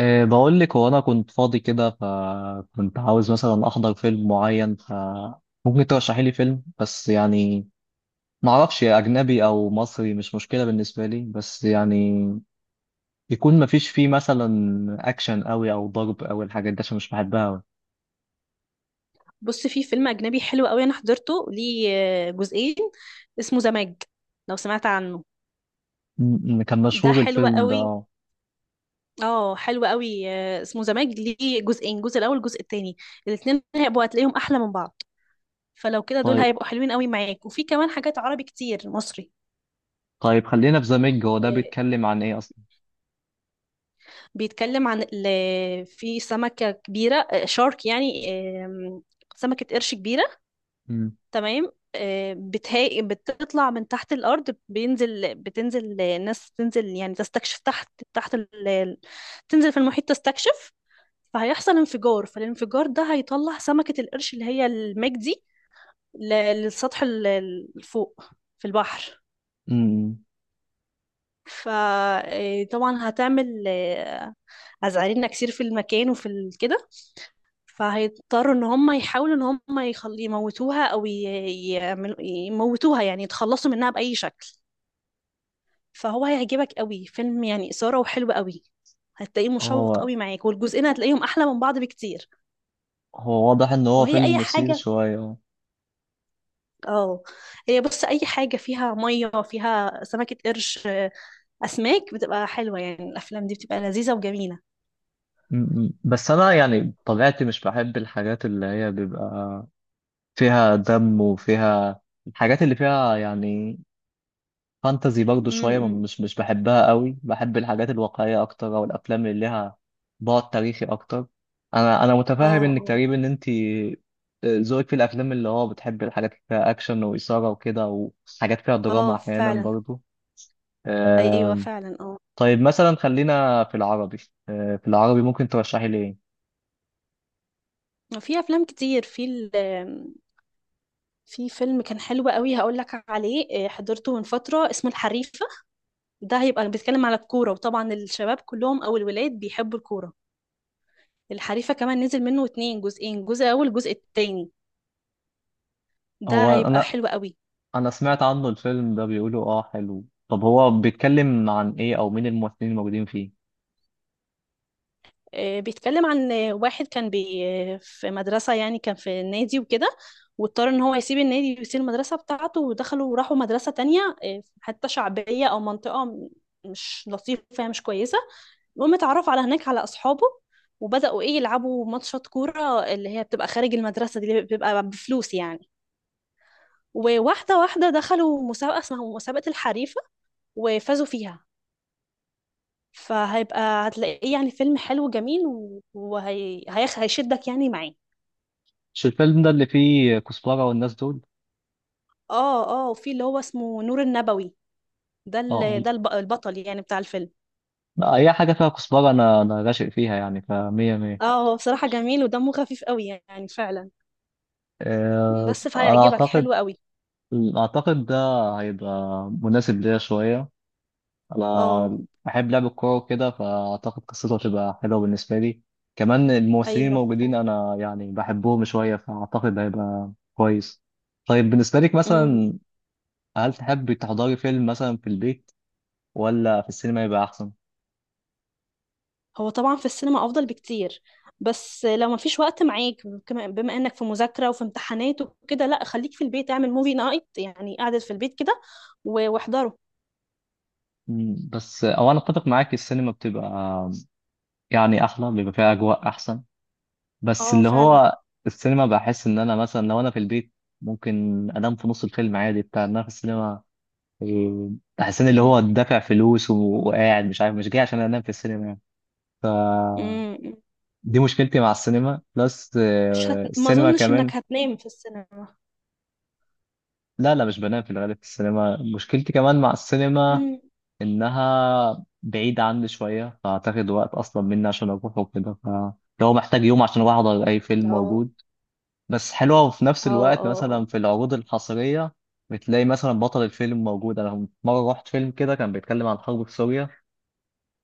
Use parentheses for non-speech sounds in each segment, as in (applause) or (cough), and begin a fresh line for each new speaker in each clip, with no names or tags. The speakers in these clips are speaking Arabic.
إيه بقول لك، هو انا كنت فاضي كده فكنت عاوز مثلا احضر فيلم معين، فممكن ترشحي لي فيلم. بس يعني ما اعرفش، اجنبي او مصري مش مشكله بالنسبه لي، بس يعني يكون ما فيش فيه مثلا اكشن قوي او ضرب او الحاجات دي، عشان مش بحبها أوي.
بص، في فيلم أجنبي حلو قوي أنا حضرته. ليه؟ جزئين. اسمه زماج، لو سمعت عنه.
كان
ده
مشهور
حلو
الفيلم
قوي.
ده؟
اه، حلو قوي. اسمه زماج. ليه جزئين؟ جزء الأول، الجزء التاني، الاتنين هيبقوا هتلاقيهم أحلى من بعض. فلو كده دول
طيب.
هيبقوا حلوين قوي معاك. وفي كمان حاجات عربي كتير، مصري.
طيب خلينا في زاميج، هو ده
آه،
بيتكلم عن ايه اصلا؟
بيتكلم عن في سمكة كبيرة، شارك يعني، آم، سمكة قرش كبيرة.
امم.
تمام، بتطلع من تحت الأرض. بتنزل، ناس تنزل يعني تستكشف تحت، تحت تنزل في المحيط تستكشف. فهيحصل انفجار، فالانفجار ده هيطلع سمكة القرش اللي هي الميج دي للسطح، فوق في البحر.
أمم.
فطبعا هتعمل أزعرينا كتير في المكان وفي كده. فهيضطروا ان هم يحاولوا ان هم يموتوها، او يعملوا يموتوها، يعني يتخلصوا منها بأي شكل. فهو هيعجبك قوي، فيلم يعني إثارة وحلو قوي. هتلاقيه مشوق
هو
قوي معاك، والجزئين هتلاقيهم أحلى من بعض بكتير.
هو واضح ان هو
وهي أي
فيلم مثير
حاجة؟
شويه.
اه، هي بص، أي حاجة فيها مية فيها سمكة قرش، أسماك، بتبقى حلوة. يعني الأفلام دي بتبقى لذيذة وجميلة.
بس انا يعني طبيعتي مش بحب الحاجات اللي هي بيبقى فيها دم وفيها الحاجات اللي فيها يعني فانتزي برضو شوية، ما-
امم
مش مش بحبها قوي، بحب الحاجات الواقعية اكتر او الافلام اللي لها بعد تاريخي اكتر. انا
اه،
متفاهم انك
اه.
تقريبا انت ذوقك في الافلام اللي هو بتحب الحاجات اللي فيها اكشن واثارة وكده، وحاجات فيها
اه
دراما احيانا
فعلا.
برضو.
ايوه
آم،
فعلا، اه.
طيب مثلا خلينا في العربي. في العربي ممكن ترشحي لي ايه؟
في افلام كتير في في فيلم كان حلو قوي، هقول لك عليه. حضرته من فتره، اسمه الحريفه. ده هيبقى بيتكلم على الكورة، وطبعا الشباب كلهم أو الولاد بيحبوا الكورة. الحريفة كمان نزل منه اتنين جزئين، جزء أول جزء التاني.
هو
ده هيبقى
انا
حلو قوي.
سمعت عنه الفيلم ده، بيقولوا اه حلو. طب هو بيتكلم عن ايه، او مين الممثلين الموجودين فيه؟
بيتكلم عن واحد كان في مدرسة، يعني كان في النادي وكده. واضطر ان هو يسيب النادي ويسيب المدرسة بتاعته، ودخلوا وراحوا مدرسة تانية، حتى شعبية أو منطقة مش لطيفة، مش كويسة. المهم اتعرف على هناك على أصحابه، وبدأوا ايه، يلعبوا ماتشات كورة اللي هي بتبقى خارج المدرسة دي، اللي بتبقى بفلوس يعني. وواحدة واحدة دخلوا مسابقة اسمها مسابقة الحريفة، وفازوا فيها. فهيبقى هتلاقيه يعني فيلم حلو جميل، وهي هيشدك يعني معاه.
مش الفيلم ده اللي فيه كزبرة والناس دول؟
اه، اه. وفي اللي هو اسمه نور النبوي، ده
اه.
ده البطل يعني بتاع الفيلم.
آه. اي حاجة فيها كزبرة انا راشق فيها يعني، فمية مية.
اه، هو بصراحة جميل ودمه خفيف قوي، يعني فعلا. بس
انا
فهيعجبك،
اعتقد،
حلو قوي.
اعتقد ده هيبقى مناسب ليا شوية.
اه.
انا بحب لعب الكورة وكده، فاعتقد قصته هتبقى حلوة بالنسبة لي. كمان الممثلين
ايوه
الموجودين انا يعني بحبهم شوية، فاعتقد هيبقى كويس. طيب بالنسبة لك
فعلا.
مثلا، هل تحب تحضري فيلم مثلا في البيت ولا في السينما يبقى احسن؟
هو طبعا في السينما افضل بكتير. بس لو ما فيش وقت معاك، بما انك في مذاكره وفي امتحانات وكده، لا خليك في البيت، اعمل موفي نايت يعني، قاعده في البيت كده واحضره.
مم، بس او انا اتفق معاك، السينما بتبقى يعني احلى، بيبقى فيها اجواء احسن. بس
اه
اللي
فعلا.
هو السينما، بحس ان انا مثلا لو انا في البيت ممكن انام في نص الفيلم عادي، بتاع إن انا في السينما إيه، بحس ان اللي هو
مم.
دافع فلوس وقاعد، مش عارف، مش جاي عشان انام في السينما يعني. فدي
مم.
مشكلتي مع السينما بلس
مش هت... ما
السينما
اظنش
كمان.
انك هتنام في السينما.
لا لا، مش بنام في الغالب في السينما. مشكلتي كمان مع السينما
مم.
انها بعيدة عني شوية، فاعتقد وقت اصلا مني عشان اروح وكده، فلو محتاج يوم عشان اروح احضر اي فيلم
اه،
موجود. بس حلوة، وفي نفس
اه،
الوقت
اه، اه.
مثلا في العروض الحصرية بتلاقي مثلا بطل الفيلم موجود. انا مرة رحت فيلم كده كان بيتكلم عن الحرب في سوريا،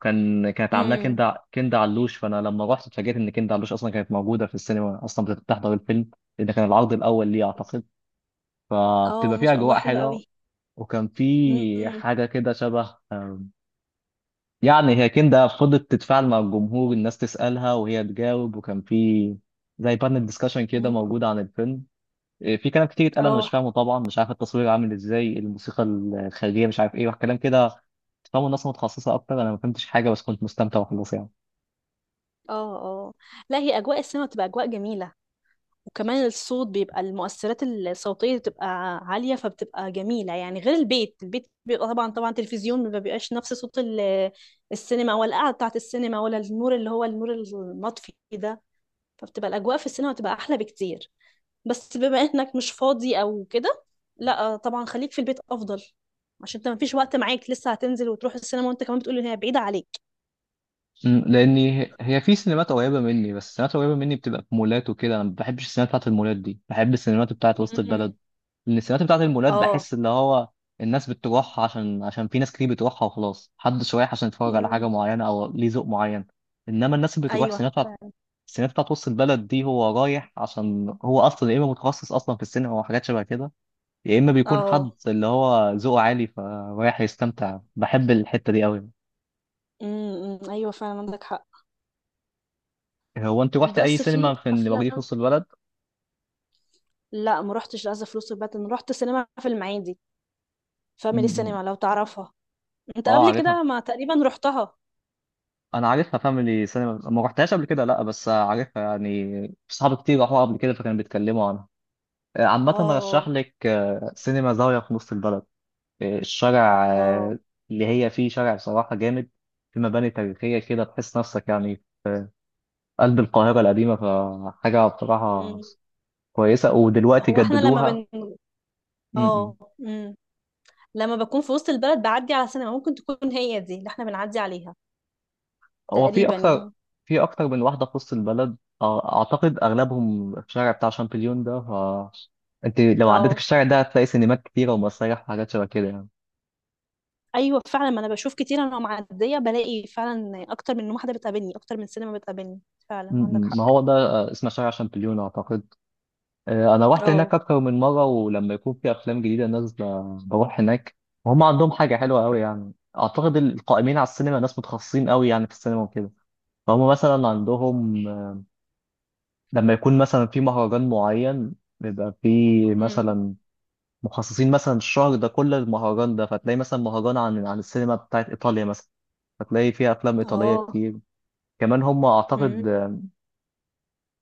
كانت عاملاه
امم
كندا، كندا علوش، فانا لما رحت اتفاجئت ان كندا علوش اصلا كانت موجودة في السينما، اصلا بتحضر الفيلم، لان كان العرض الاول ليه اعتقد.
اه،
فبتبقى
ما
فيه
شاء الله،
اجواء
حلو
حلوة.
قوي.
وكان في
امم
حاجة كده شبه يعني هي كندا فضلت تتفاعل مع الجمهور، الناس تسألها وهي تجاوب، وكان في زي بانل ديسكشن كده
مم.
موجود عن الفيلم. في كلام كتير اتقال انا مش
اه،
فاهمه طبعا، مش عارف التصوير عامل ازاي، الموسيقى الخارجيه، مش عارف ايه وكلام كده تفهموا الناس متخصصه اكتر. انا ما فهمتش حاجه بس كنت مستمتع وخلاص يعني.
اه، اه. لا، هي اجواء السينما بتبقى اجواء جميله. وكمان الصوت بيبقى، المؤثرات الصوتية بتبقى عالية، فبتبقى جميلة يعني. غير البيت، البيت بيبقى طبعا، طبعا تلفزيون ما بيبقاش نفس صوت السينما، ولا القعدة بتاعة السينما، ولا النور اللي هو النور المطفي ده. فبتبقى الأجواء في السينما بتبقى أحلى بكتير. بس بما إنك مش فاضي أو كده، لا طبعا خليك في البيت أفضل، عشان انت مفيش وقت معاك، لسه هتنزل وتروح السينما، وانت كمان بتقول ان هي بعيدة عليك.
أمم، لاني هي في سينمات قريبه مني، بس السينمات قريبه مني بتبقى في مولات وكده، انا ما بحبش السينمات بتاعت المولات دي، بحب السينمات بتاعت وسط
مم.
البلد. من السمات بتاعت المولات
اه.
بحس اللي هو الناس بتروحها عشان، في ناس كتير بتروحها وخلاص، محدش رايح عشان يتفرج على
مم.
حاجة معينة أو ليه ذوق معين. إنما الناس اللي بتروح
ايوه.
السينما السينما بتاعت وسط البلد دي، هو رايح عشان هو أصلا يا إما متخصص أصلا في السينما أو حاجات شبه كده، يا إما بيكون حد
اه.
اللي هو ذوقه عالي، فرايح يستمتع، بحب الحتة دي أوي.
مم. مم. ايوه فعلا، عندك حق.
أنت روحت أي
بس
سينما
في
في اللي موجودة في
افلام،
وسط البلد؟
لا ما روحتش لازا فلوس الباتن، رحت سينما في المعادي،
م-
فاميلي
م.
سينما لو تعرفها. انت
آه
قبل
عارفها.
كده ما تقريبا رحتها.
انا عارفها فاميلي سينما، ما رحتهاش قبل كده لا، بس عارفها يعني، صحابي كتير راحوا قبل كده فكانوا بيتكلموا عنها. عامة رشح
اه،
لك سينما زاوية في نص البلد، الشارع
اه.
اللي هي فيه، شارع بصراحة جامد. في مباني تاريخية كده تحس نفسك يعني في قلب القاهرة القديمة. فحاجة بصراحة
مم.
كويسة، ودلوقتي
هو احنا لما
جددوها.
بن
م-
اه.
م.
مم. لما بكون في وسط البلد بعدي على سينما، ممكن تكون هي دي اللي احنا بنعدي عليها،
هو في
تقريبا
اكتر،
يعني.
في اكتر من واحده في وسط البلد. اعتقد اغلبهم في الشارع بتاع شامبليون ده ف... انت لو عديت في
اه،
الشارع ده هتلاقي سينمات كتيره ومسارح وحاجات شبه كده يعني.
ايوه فعلا. ما انا بشوف كتير، انا معديه بلاقي فعلا اكتر من واحده بتقابلني، اكتر من سينما بتقابلني.
م-
فعلا عندك
م.
حق.
ما هو ده اسمه شارع شامبليون اعتقد. انا رحت
اه.
هناك اكتر من مره، ولما يكون في افلام جديده نازله بروح هناك. وهم عندهم حاجه حلوه قوي يعني، اعتقد القائمين على السينما ناس متخصصين قوي يعني في السينما وكده. فهم مثلا عندهم، لما يكون مثلا في مهرجان معين، بيبقى في
مم.
مثلا مخصصين مثلا الشهر ده كله للمهرجان ده، فتلاقي مثلا مهرجان عن السينما بتاعت إيطاليا مثلا، فتلاقي فيها أفلام إيطالية
اه.
كتير. كمان هم
مم.
أعتقد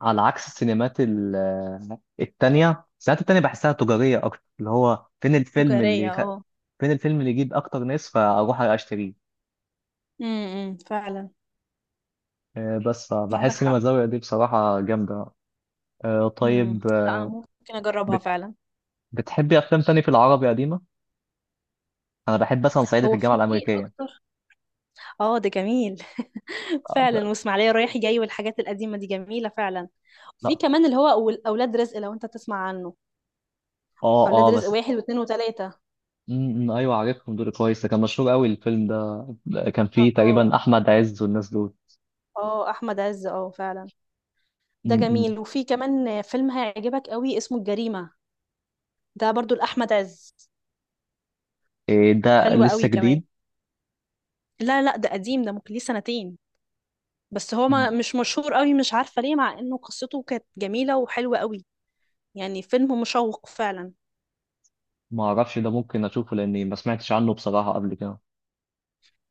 على عكس التانية، السينمات التانية بحسها تجارية أكتر، اللي هو فين الفيلم اللي
تجاريه،
خ...
اه.
فين الفيلم اللي يجيب أكتر ناس فأروح أشتريه.
امم، فعلا
بس
عندك
فبحس سينما
حق.
الزاوية دي بصراحة جامدة.
امم،
طيب،
لا ممكن اجربها
بت...
فعلا.
بتحبي أفلام تاني في العربي قديمة؟ أنا بحب مثلا صعيدي في
هو
الجامعة
في
الأمريكية.
اكتر. اه، ده جميل. (laughs)
آه،
فعلا،
ده-
واسماعيليه رايح جاي والحاجات القديمه دي جميله فعلا. في
لا.
كمان اللي هو اولاد رزق، لو انت تسمع عنه.
اه
اولاد
اه
رزق،
بس.
واحد واثنين وثلاثه.
امم، ايوه عارفهم دول كويس، ده كان مشهور قوي الفيلم ده، ده كان فيه
اه،
تقريبا احمد عز والناس دول.
اه. احمد عز، اه فعلا. ده
امم. امم.
جميل. وفي كمان فيلم هيعجبك قوي، اسمه الجريمه. ده برضو لاحمد عز،
إيه ده
حلو
لسه
قوي كمان.
جديد؟
لا، لا، ده قديم، ده ممكن ليه سنتين. بس هو ما
مم.
مش مشهور قوي، مش عارفة ليه، مع انه قصته كانت جميلة وحلوة قوي. يعني فيلم مشوق فعلا.
ما اعرفش ده، ممكن اشوفه لاني ما سمعتش عنه بصراحه قبل كده.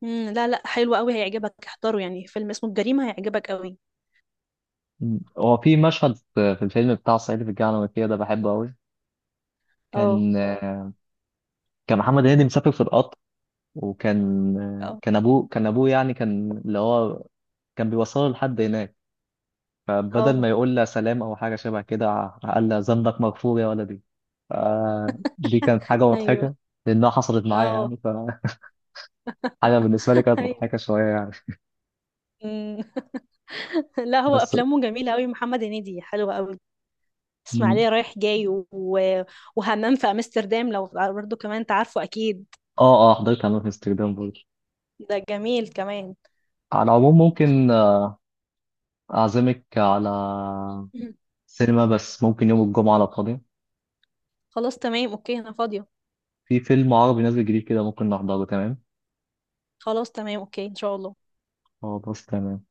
مم. لا، لا، حلو قوي، هيعجبك، احضره يعني. فيلم اسمه الجريمة هيعجبك قوي.
مم. هو في مشهد في الفيلم بتاع صعيدي في الجامعه الامريكيه ده بحبه قوي،
اه،
كان كان محمد هنيدي مسافر في القطر، وكان
اه،
كان ابوه ابوه يعني كان اللي هو كان بيوصله لحد هناك، فبدل ما
اه.
يقول لها سلام او حاجه شبه كده قال لها ذنبك مغفور يا ولدي. ف- دي كانت حاجه
ايوه.
مضحكه لانها حصلت معايا
اه.
يعني، فحاجه بالنسبه لي
(laughs)
كانت
ايوه.
مضحكه شويه يعني.
مم. (laughs) لا، هو
بس.
افلامه جميلة قوي، محمد هنيدي، حلوة قوي.
م-
اسماعيلية رايح جاي، وهمام في امستردام، لو برضه كمان انت عارفه اكيد.
اه اه حضرتها أنا في امستردام برضه.
ده جميل كمان.
على العموم ممكن اعزمك على
مم.
سينما، بس ممكن يوم الجمعه لو فاضي،
خلاص تمام، اوكي، انا فاضية.
في فيلم عربي نازل جديد كده ممكن نحضره، تمام؟
خلاص تمام، اوكي ان شاء الله.
خلاص تمام.